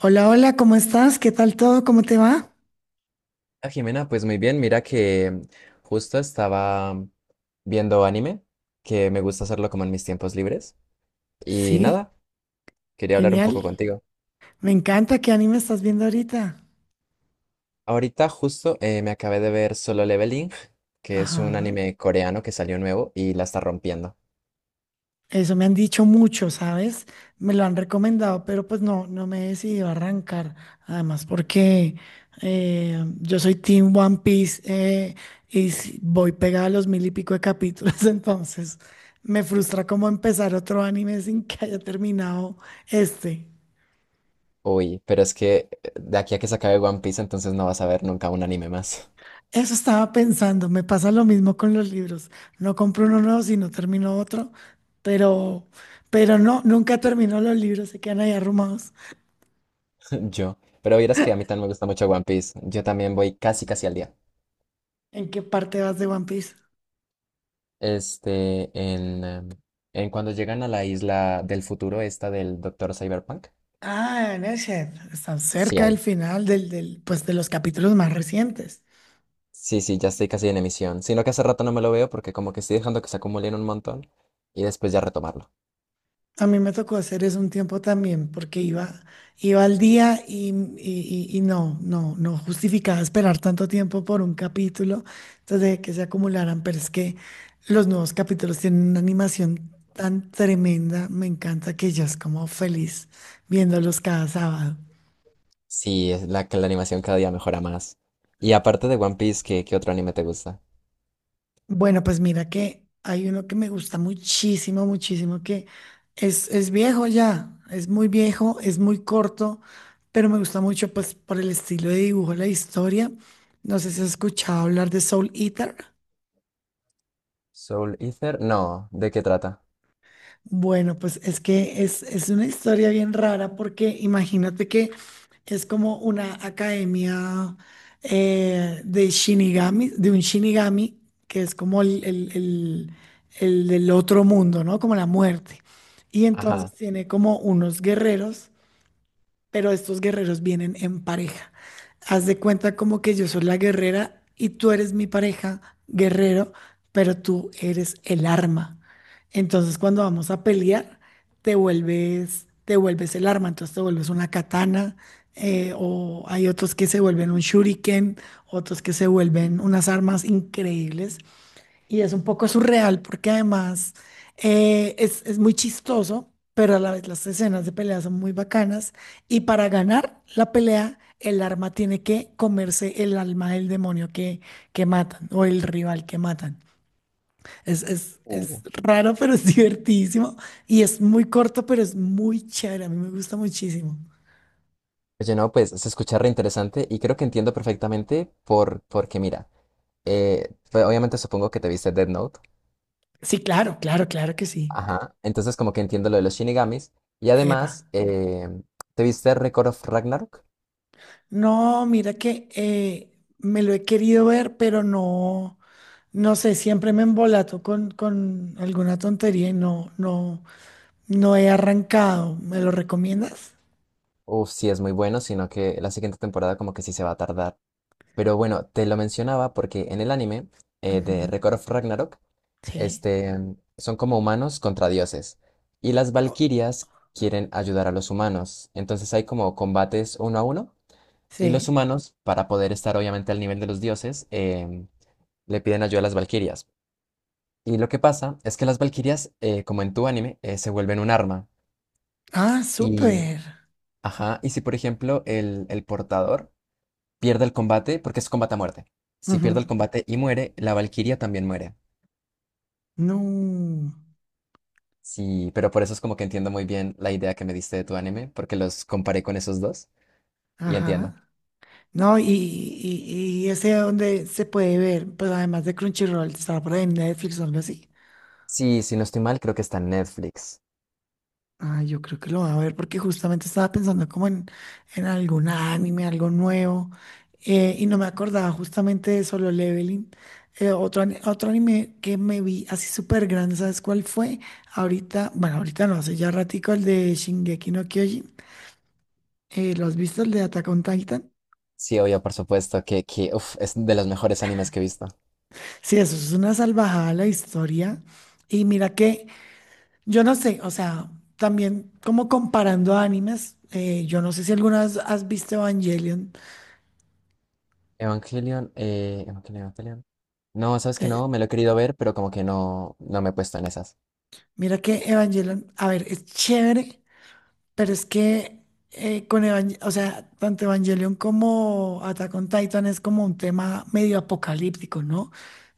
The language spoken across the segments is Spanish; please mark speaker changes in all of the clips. Speaker 1: Hola, hola, ¿cómo estás? ¿Qué tal todo? ¿Cómo te va?
Speaker 2: Ah, Jimena, pues muy bien, mira que justo estaba viendo anime, que me gusta hacerlo como en mis tiempos libres, y
Speaker 1: Sí,
Speaker 2: nada, quería hablar un poco
Speaker 1: genial.
Speaker 2: contigo.
Speaker 1: Me encanta. ¿Qué anime estás viendo ahorita?
Speaker 2: Ahorita justo me acabé de ver Solo Leveling, que es un
Speaker 1: Ajá.
Speaker 2: anime coreano que salió nuevo y la está rompiendo.
Speaker 1: Eso me han dicho mucho, ¿sabes? Me lo han recomendado, pero pues no, no me he decidido a arrancar. Además, porque yo soy Team One Piece voy pegada a los mil y pico de capítulos, entonces me frustra como empezar otro anime sin que haya terminado este.
Speaker 2: Uy, pero es que de aquí a que se acabe One Piece, entonces no vas a ver nunca un anime más,
Speaker 1: Eso estaba pensando, me pasa lo mismo con los libros. No compro uno nuevo, sino termino otro, pero, pero no, nunca termino los libros, se quedan ahí arrumados.
Speaker 2: yo. Pero vieras que a mí también me gusta mucho One Piece, yo también voy casi casi al día.
Speaker 1: ¿En qué parte vas de One Piece?
Speaker 2: Este, en, em, en cuando llegan a la isla del futuro, esta del Doctor Cyberpunk.
Speaker 1: Ah, en ese, están
Speaker 2: Sí
Speaker 1: cerca del
Speaker 2: hay.
Speaker 1: final del, del, pues de los capítulos más recientes.
Speaker 2: Sí, sí, ya estoy casi en emisión. Sino que hace rato no me lo veo porque como que estoy dejando que se acumulen un montón y después ya retomarlo.
Speaker 1: A mí me tocó hacer eso un tiempo también, porque iba al día y no, no, no justificaba esperar tanto tiempo por un capítulo, entonces dejé que se acumularan, pero es que los nuevos capítulos tienen una animación tan tremenda, me encanta que yo es como feliz viéndolos cada sábado.
Speaker 2: Sí, es la que la animación cada día mejora más. Y aparte de One Piece, ¿qué otro anime te gusta?
Speaker 1: Bueno, pues mira que hay uno que me gusta muchísimo, muchísimo, que es viejo ya, es muy viejo, es muy corto, pero me gusta mucho pues por el estilo de dibujo, la historia. No sé si has escuchado hablar de Soul Eater.
Speaker 2: ¿Soul Eater? No, ¿de qué trata?
Speaker 1: Bueno, pues es que es una historia bien rara porque imagínate que es como una academia de Shinigami, de un Shinigami, que es como el del otro mundo, ¿no? Como la muerte. Y entonces
Speaker 2: Ajá.
Speaker 1: tiene como unos guerreros pero estos guerreros vienen en pareja. Haz de cuenta como que yo soy la guerrera y tú eres mi pareja, guerrero, pero tú eres el arma. Entonces, cuando vamos a pelear, te vuelves el arma, entonces te vuelves una katana, o hay otros que se vuelven un shuriken, otros que se vuelven unas armas increíbles y es un poco surreal porque además es muy chistoso, pero a la vez las escenas de pelea son muy bacanas. Y para ganar la pelea, el arma tiene que comerse el alma del demonio que matan o el rival que matan. Es
Speaker 2: Uh.
Speaker 1: raro, pero es divertidísimo. Y es muy corto, pero es muy chévere. A mí me gusta muchísimo.
Speaker 2: Oye, no, pues se escucha re interesante y creo que entiendo perfectamente porque mira, pues, obviamente supongo que te viste Death Note.
Speaker 1: Sí, claro, claro, claro que sí.
Speaker 2: Ajá, entonces como que entiendo lo de los shinigamis. Y
Speaker 1: Epa.
Speaker 2: además, ¿te viste Record of Ragnarok?
Speaker 1: No, mira que me lo he querido ver, pero no. No sé, siempre me embolato con alguna tontería y no, no, no he arrancado. ¿Me lo recomiendas?
Speaker 2: Uf, sí es muy bueno, sino que la siguiente temporada como que sí se va a tardar. Pero bueno, te lo mencionaba porque en el anime de
Speaker 1: Ujú.
Speaker 2: Record of Ragnarok,
Speaker 1: Sí.
Speaker 2: este, son como humanos contra dioses. Y las
Speaker 1: Oh,
Speaker 2: valquirias quieren ayudar a los humanos. Entonces hay como combates uno a uno. Y los
Speaker 1: sí.
Speaker 2: humanos, para poder estar obviamente al nivel de los dioses, le piden ayuda a las valquirias. Y lo que pasa es que las valquirias, como en tu anime, se vuelven un arma.
Speaker 1: Ah,
Speaker 2: Y,
Speaker 1: súper.
Speaker 2: ajá, y si por ejemplo el portador pierde el combate, porque es combate a muerte. Si pierde
Speaker 1: Ujú.
Speaker 2: el combate y muere, la valquiria también muere.
Speaker 1: No.
Speaker 2: Sí, pero por eso es como que entiendo muy bien la idea que me diste de tu anime, porque los comparé con esos dos y entiendo.
Speaker 1: Ajá. No, y ese donde se puede ver, pues además de Crunchyroll, está por ahí en Netflix o algo así.
Speaker 2: Sí, si no estoy mal, creo que está en Netflix.
Speaker 1: Ah, yo creo que lo voy a ver porque justamente estaba pensando en algún anime, algo nuevo, y no me acordaba justamente de Solo Leveling. Otro anime que me vi así súper grande, ¿sabes cuál fue? Ahorita, bueno, ahorita no, hace ya ratico el de Shingeki no Kyojin. ¿Lo has visto el de Attack on Titan?
Speaker 2: Sí, obvio, por supuesto, que uf, es de los mejores animes que he visto.
Speaker 1: Sí, eso es una salvajada la historia. Y mira que, yo no sé, o sea, también como comparando animes, yo no sé si alguna vez has visto Evangelion.
Speaker 2: Evangelion, Evangelion. No, sabes que
Speaker 1: eh,
Speaker 2: no, me lo he querido ver, pero como que no, no me he puesto en esas.
Speaker 1: Mira que Evangelion, a ver, es chévere, pero es que con Evangelion, o sea, tanto Evangelion como Attack on Titan es como un tema medio apocalíptico, ¿no?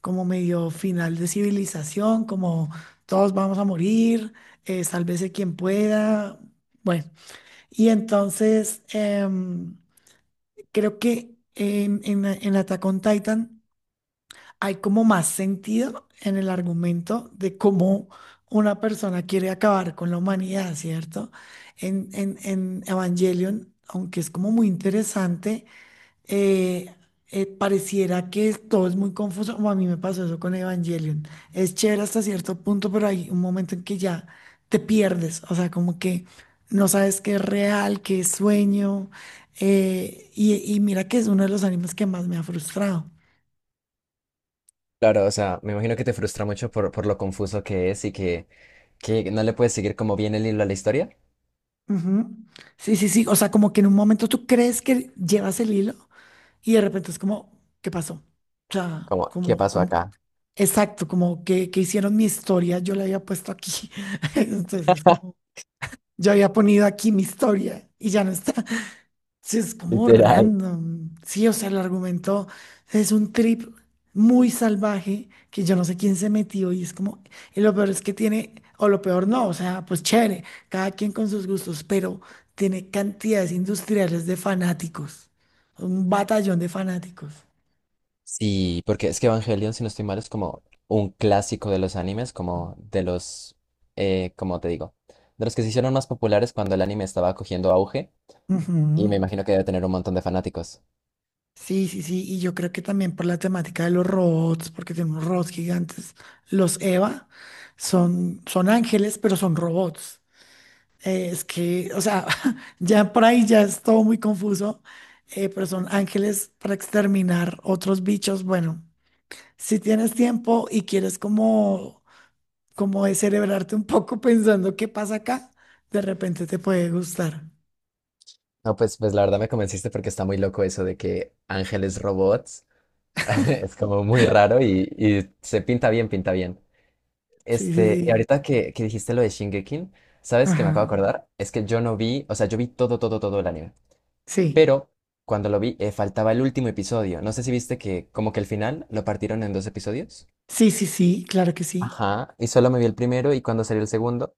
Speaker 1: Como medio final de civilización, como todos vamos a morir, sálvese quien pueda. Bueno, y entonces creo que en Attack on Titan hay como más sentido en el argumento de cómo una persona quiere acabar con la humanidad, ¿cierto? En Evangelion, aunque es como muy interesante, eh, pareciera que todo es muy confuso, o a mí me pasó eso con Evangelion. Es chévere hasta cierto punto, pero hay un momento en que ya te pierdes, o sea, como que no sabes qué es real, qué es sueño, y mira que es uno de los animes que más me ha frustrado.
Speaker 2: Claro, o sea, me imagino que te frustra mucho por lo confuso que es y que no le puedes seguir como bien el hilo a la historia.
Speaker 1: Ujú. Sí, sí, sí. O sea, como que en un momento tú crees que llevas el hilo y de repente es como, ¿qué pasó? O sea,
Speaker 2: Como, ¿qué pasó acá?
Speaker 1: exacto, como que hicieron mi historia, yo la había puesto aquí. Entonces es como, yo había ponido aquí mi historia y ya no está. Sí, es como
Speaker 2: Literal.
Speaker 1: random. Sí, o sea, el argumento es un trip muy salvaje que yo no sé quién se metió y es como, y lo peor es que tiene, o lo peor no, o sea, pues chévere, cada quien con sus gustos, pero tiene cantidades industriales de fanáticos, un batallón de fanáticos.
Speaker 2: Sí, porque es que Evangelion, si no estoy mal, es como un clásico de los animes, como te digo, de los que se hicieron más populares cuando el anime estaba cogiendo auge y me
Speaker 1: Ujú.
Speaker 2: imagino que debe tener un montón de fanáticos.
Speaker 1: Sí, sí, sí, y yo creo que también por la temática de los robots, porque tenemos robots gigantes, los Eva son ángeles, pero son robots. Es que, o sea, ya por ahí ya es todo muy confuso, pero son ángeles para exterminar otros bichos. Bueno, si tienes tiempo y quieres como descerebrarte un poco pensando qué pasa acá, de repente te puede gustar.
Speaker 2: No, pues la verdad me convenciste porque está muy loco eso de que ángeles robots. Es como muy raro y se pinta bien, pinta bien.
Speaker 1: Sí, sí,
Speaker 2: Este, y
Speaker 1: sí.
Speaker 2: ahorita que dijiste lo de Shingeki, ¿sabes qué me acabo
Speaker 1: Ajá.
Speaker 2: de acordar? Es que yo no vi, o sea, yo vi todo, todo, todo el anime.
Speaker 1: Sí.
Speaker 2: Pero cuando lo vi, faltaba el último episodio. No sé si viste que como que el final lo partieron en dos episodios.
Speaker 1: Sí, sí, sí, claro que sí.
Speaker 2: Ajá, y solo me vi el primero y cuando salió el segundo.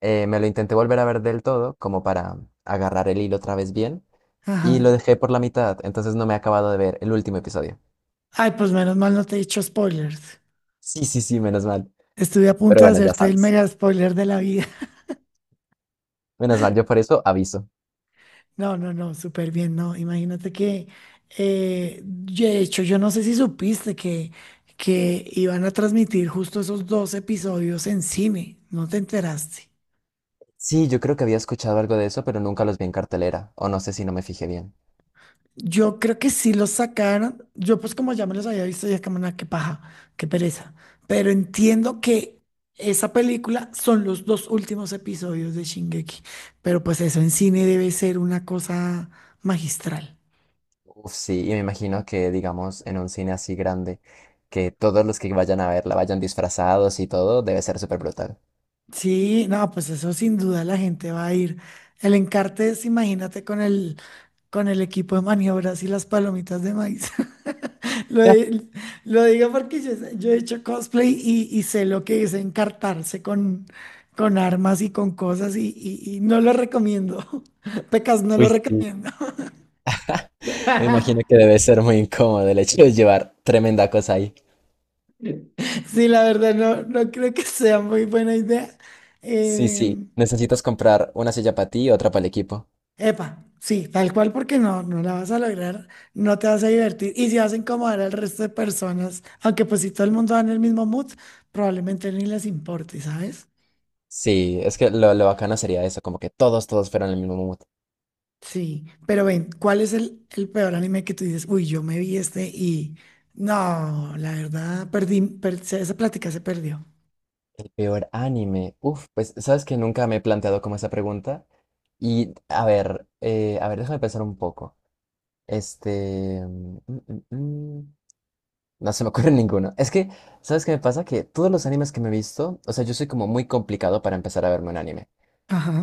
Speaker 2: Me lo intenté volver a ver del todo, como para agarrar el hilo otra vez bien, y lo
Speaker 1: Ajá.
Speaker 2: dejé por la mitad, entonces no me he acabado de ver el último episodio.
Speaker 1: Ay, pues menos mal no te he hecho spoilers.
Speaker 2: Sí, sí, sí, menos mal.
Speaker 1: Estuve a
Speaker 2: Pero
Speaker 1: punto de
Speaker 2: bueno, ya
Speaker 1: hacerte el
Speaker 2: sabes.
Speaker 1: mega spoiler de la vida.
Speaker 2: Menos mal, yo por eso aviso.
Speaker 1: No, no, no, súper bien, no. Imagínate que, de hecho, yo no sé si supiste que iban a transmitir justo esos dos episodios en cine, ¿no te enteraste?
Speaker 2: Sí, yo creo que había escuchado algo de eso, pero nunca los vi en cartelera, o no sé si no me fijé bien.
Speaker 1: Yo creo que sí los sacaron, yo pues como ya me los había visto, ya como, "Nah, qué paja, qué pereza, pero entiendo que esa película son los dos últimos episodios de Shingeki, pero pues eso en cine debe ser una cosa magistral.
Speaker 2: Uf, sí, y me imagino que, digamos, en un cine así grande, que todos los que vayan a verla vayan disfrazados y todo, debe ser súper brutal.
Speaker 1: Sí, no, pues eso sin duda la gente va a ir. El Encartes, imagínate con el equipo de maniobras y las palomitas de maíz. Lo, di- lo digo porque yo he hecho cosplay y sé lo que es encartarse con armas y con cosas y no lo recomiendo. Pecas, no lo
Speaker 2: Uy, sí.
Speaker 1: recomiendo.
Speaker 2: Me imagino que debe ser muy incómodo el hecho de llevar tremenda cosa ahí.
Speaker 1: Sí, la verdad, no, no creo que sea muy buena idea.
Speaker 2: Sí, sí,
Speaker 1: Em,
Speaker 2: necesitas comprar una silla para ti y otra para el equipo.
Speaker 1: Epa, sí, tal cual porque no, no la vas a lograr, no te vas a divertir y si vas a incomodar al resto de personas, aunque pues si todo el mundo va en el mismo mood, probablemente ni les importe, ¿sabes?
Speaker 2: Sí, es que lo bacano sería eso, como que todos, todos fueran el mismo mood.
Speaker 1: Sí, pero ven, ¿cuál es el peor anime que tú dices? Uy, yo me vi este y no, la verdad, esa plática se perdió.
Speaker 2: El peor anime. Uf, pues sabes que nunca me he planteado como esa pregunta. Y a ver, déjame pensar un poco. Este... mm, mm, mm, No se me ocurre ninguno. Es que, ¿sabes qué me pasa? Que todos los animes que me he visto, o sea, yo soy como muy complicado para empezar a verme un anime.
Speaker 1: Ajá,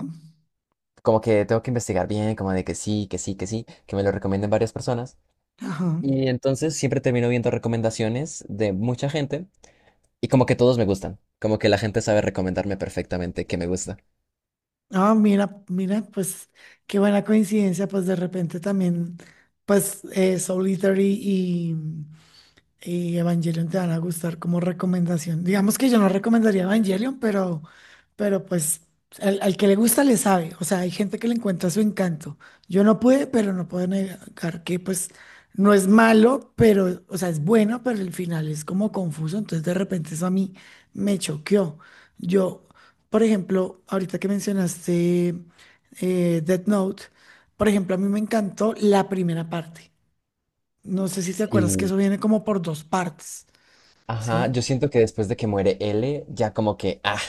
Speaker 2: Como que tengo que investigar bien, como de que sí, que sí, que sí, que me lo recomienden varias personas.
Speaker 1: ajá.
Speaker 2: Y entonces siempre termino viendo recomendaciones de mucha gente y como que todos me gustan, como que la gente sabe recomendarme perfectamente que me gusta.
Speaker 1: Ah, mira, mira, pues qué buena coincidencia, pues de repente también, pues Soul Eater y Evangelion te van a gustar como recomendación. Digamos que yo no recomendaría Evangelion, pero pues al que le gusta le sabe. O sea, hay gente que le encuentra su encanto. Yo no pude, pero no puedo negar que pues no es malo, pero, o sea, es bueno, pero el final es como confuso. Entonces de repente eso a mí me choqueó. Yo, por ejemplo, ahorita que mencionaste Death Note, por ejemplo, a mí me encantó la primera parte. No sé si te acuerdas que
Speaker 2: Sí,
Speaker 1: eso viene como por dos partes,
Speaker 2: ajá,
Speaker 1: ¿sí?
Speaker 2: yo siento que después de que muere L, ya como que, ah,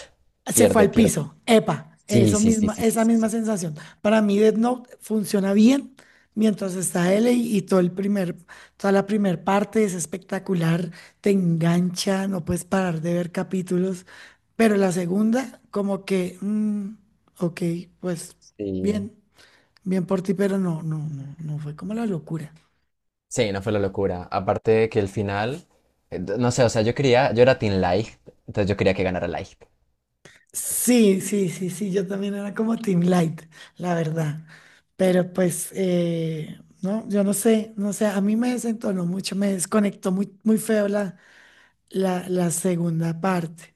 Speaker 1: Se fue
Speaker 2: pierde,
Speaker 1: al
Speaker 2: pierde.
Speaker 1: piso, epa,
Speaker 2: Sí,
Speaker 1: eso
Speaker 2: sí, sí,
Speaker 1: misma,
Speaker 2: sí, sí,
Speaker 1: esa
Speaker 2: sí,
Speaker 1: misma
Speaker 2: sí.
Speaker 1: sensación. Para mí Death Note funciona bien mientras está L y todo el primer, toda la primera parte es espectacular, te engancha, no puedes parar de ver capítulos, pero la segunda como que, mm, ok, pues
Speaker 2: Sí,
Speaker 1: bien, bien por ti, pero no, no, no, no fue como la locura.
Speaker 2: sí, no fue la locura. Aparte de que el final, no sé, o sea, yo quería, yo era Team Light, entonces yo quería que ganara Light.
Speaker 1: Sí, sí, sí, sí, yo también era como Team Light, la verdad. Pero pues, no, yo no sé, no sé, a mí me desentonó mucho, me desconectó muy, muy feo la segunda parte.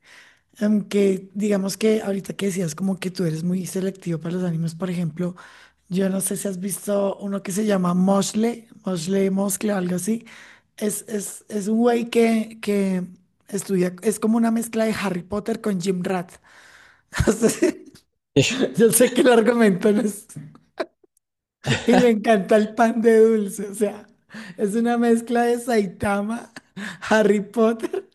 Speaker 1: Aunque digamos que ahorita que decías como que tú eres muy selectivo para los animes, por ejemplo, yo no sé si has visto uno que se llama Moshle Moscle o algo así. Es un güey que estudia, es como una mezcla de Harry Potter con Jim Rat.
Speaker 2: Ish,
Speaker 1: Yo sé que el argumento no es... Y le encanta el pan de dulce, o sea, es una mezcla de Saitama, Harry Potter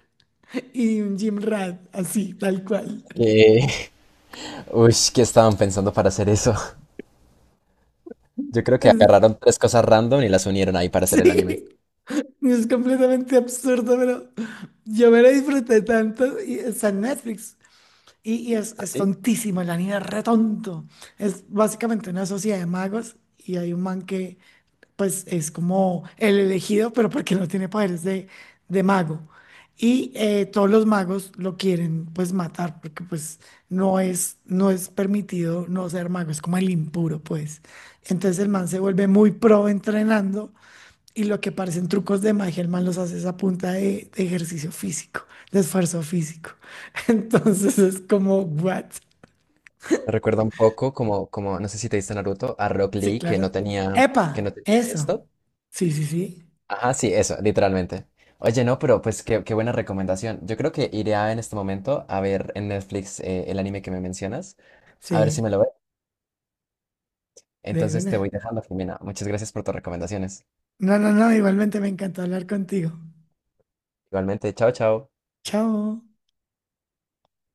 Speaker 1: y un Jim Rat, así, tal cual.
Speaker 2: ¿qué? Uy, ¿qué estaban pensando para hacer eso? Yo creo que
Speaker 1: Es-
Speaker 2: agarraron tres cosas random y las unieron ahí para hacer el anime.
Speaker 1: sí, es completamente absurdo, pero yo me lo disfruté tanto y está en Netflix. Y es
Speaker 2: ¿Así?
Speaker 1: tontísimo, el anime es re tonto. Es básicamente una sociedad de magos y hay un man que pues es como el elegido, pero porque no tiene poderes de mago. Y todos los magos lo quieren pues matar, porque pues no es permitido no ser mago, es como el impuro, pues. Entonces el man se vuelve muy pro entrenando y lo que parecen trucos de magia, el man los hace es a punta de ejercicio físico, de esfuerzo físico. Entonces es como, what?
Speaker 2: Me recuerda un poco como, no sé si te diste Naruto, a Rock
Speaker 1: Sí,
Speaker 2: Lee
Speaker 1: claro.
Speaker 2: que no
Speaker 1: Epa,
Speaker 2: tenía
Speaker 1: eso.
Speaker 2: esto.
Speaker 1: Sí, sí, sí.
Speaker 2: Ajá, sí, eso, literalmente. Oye, no, pero pues qué buena recomendación. Yo creo que iré a- en este momento a ver en Netflix el anime que me mencionas, a ver si me
Speaker 1: Sí,
Speaker 2: lo veo.
Speaker 1: de
Speaker 2: Entonces te
Speaker 1: una.
Speaker 2: voy dejando, Jimena. Muchas gracias por tus recomendaciones.
Speaker 1: No, no, no, igualmente me encantó hablar contigo.
Speaker 2: Igualmente, chao, chao.
Speaker 1: Chao.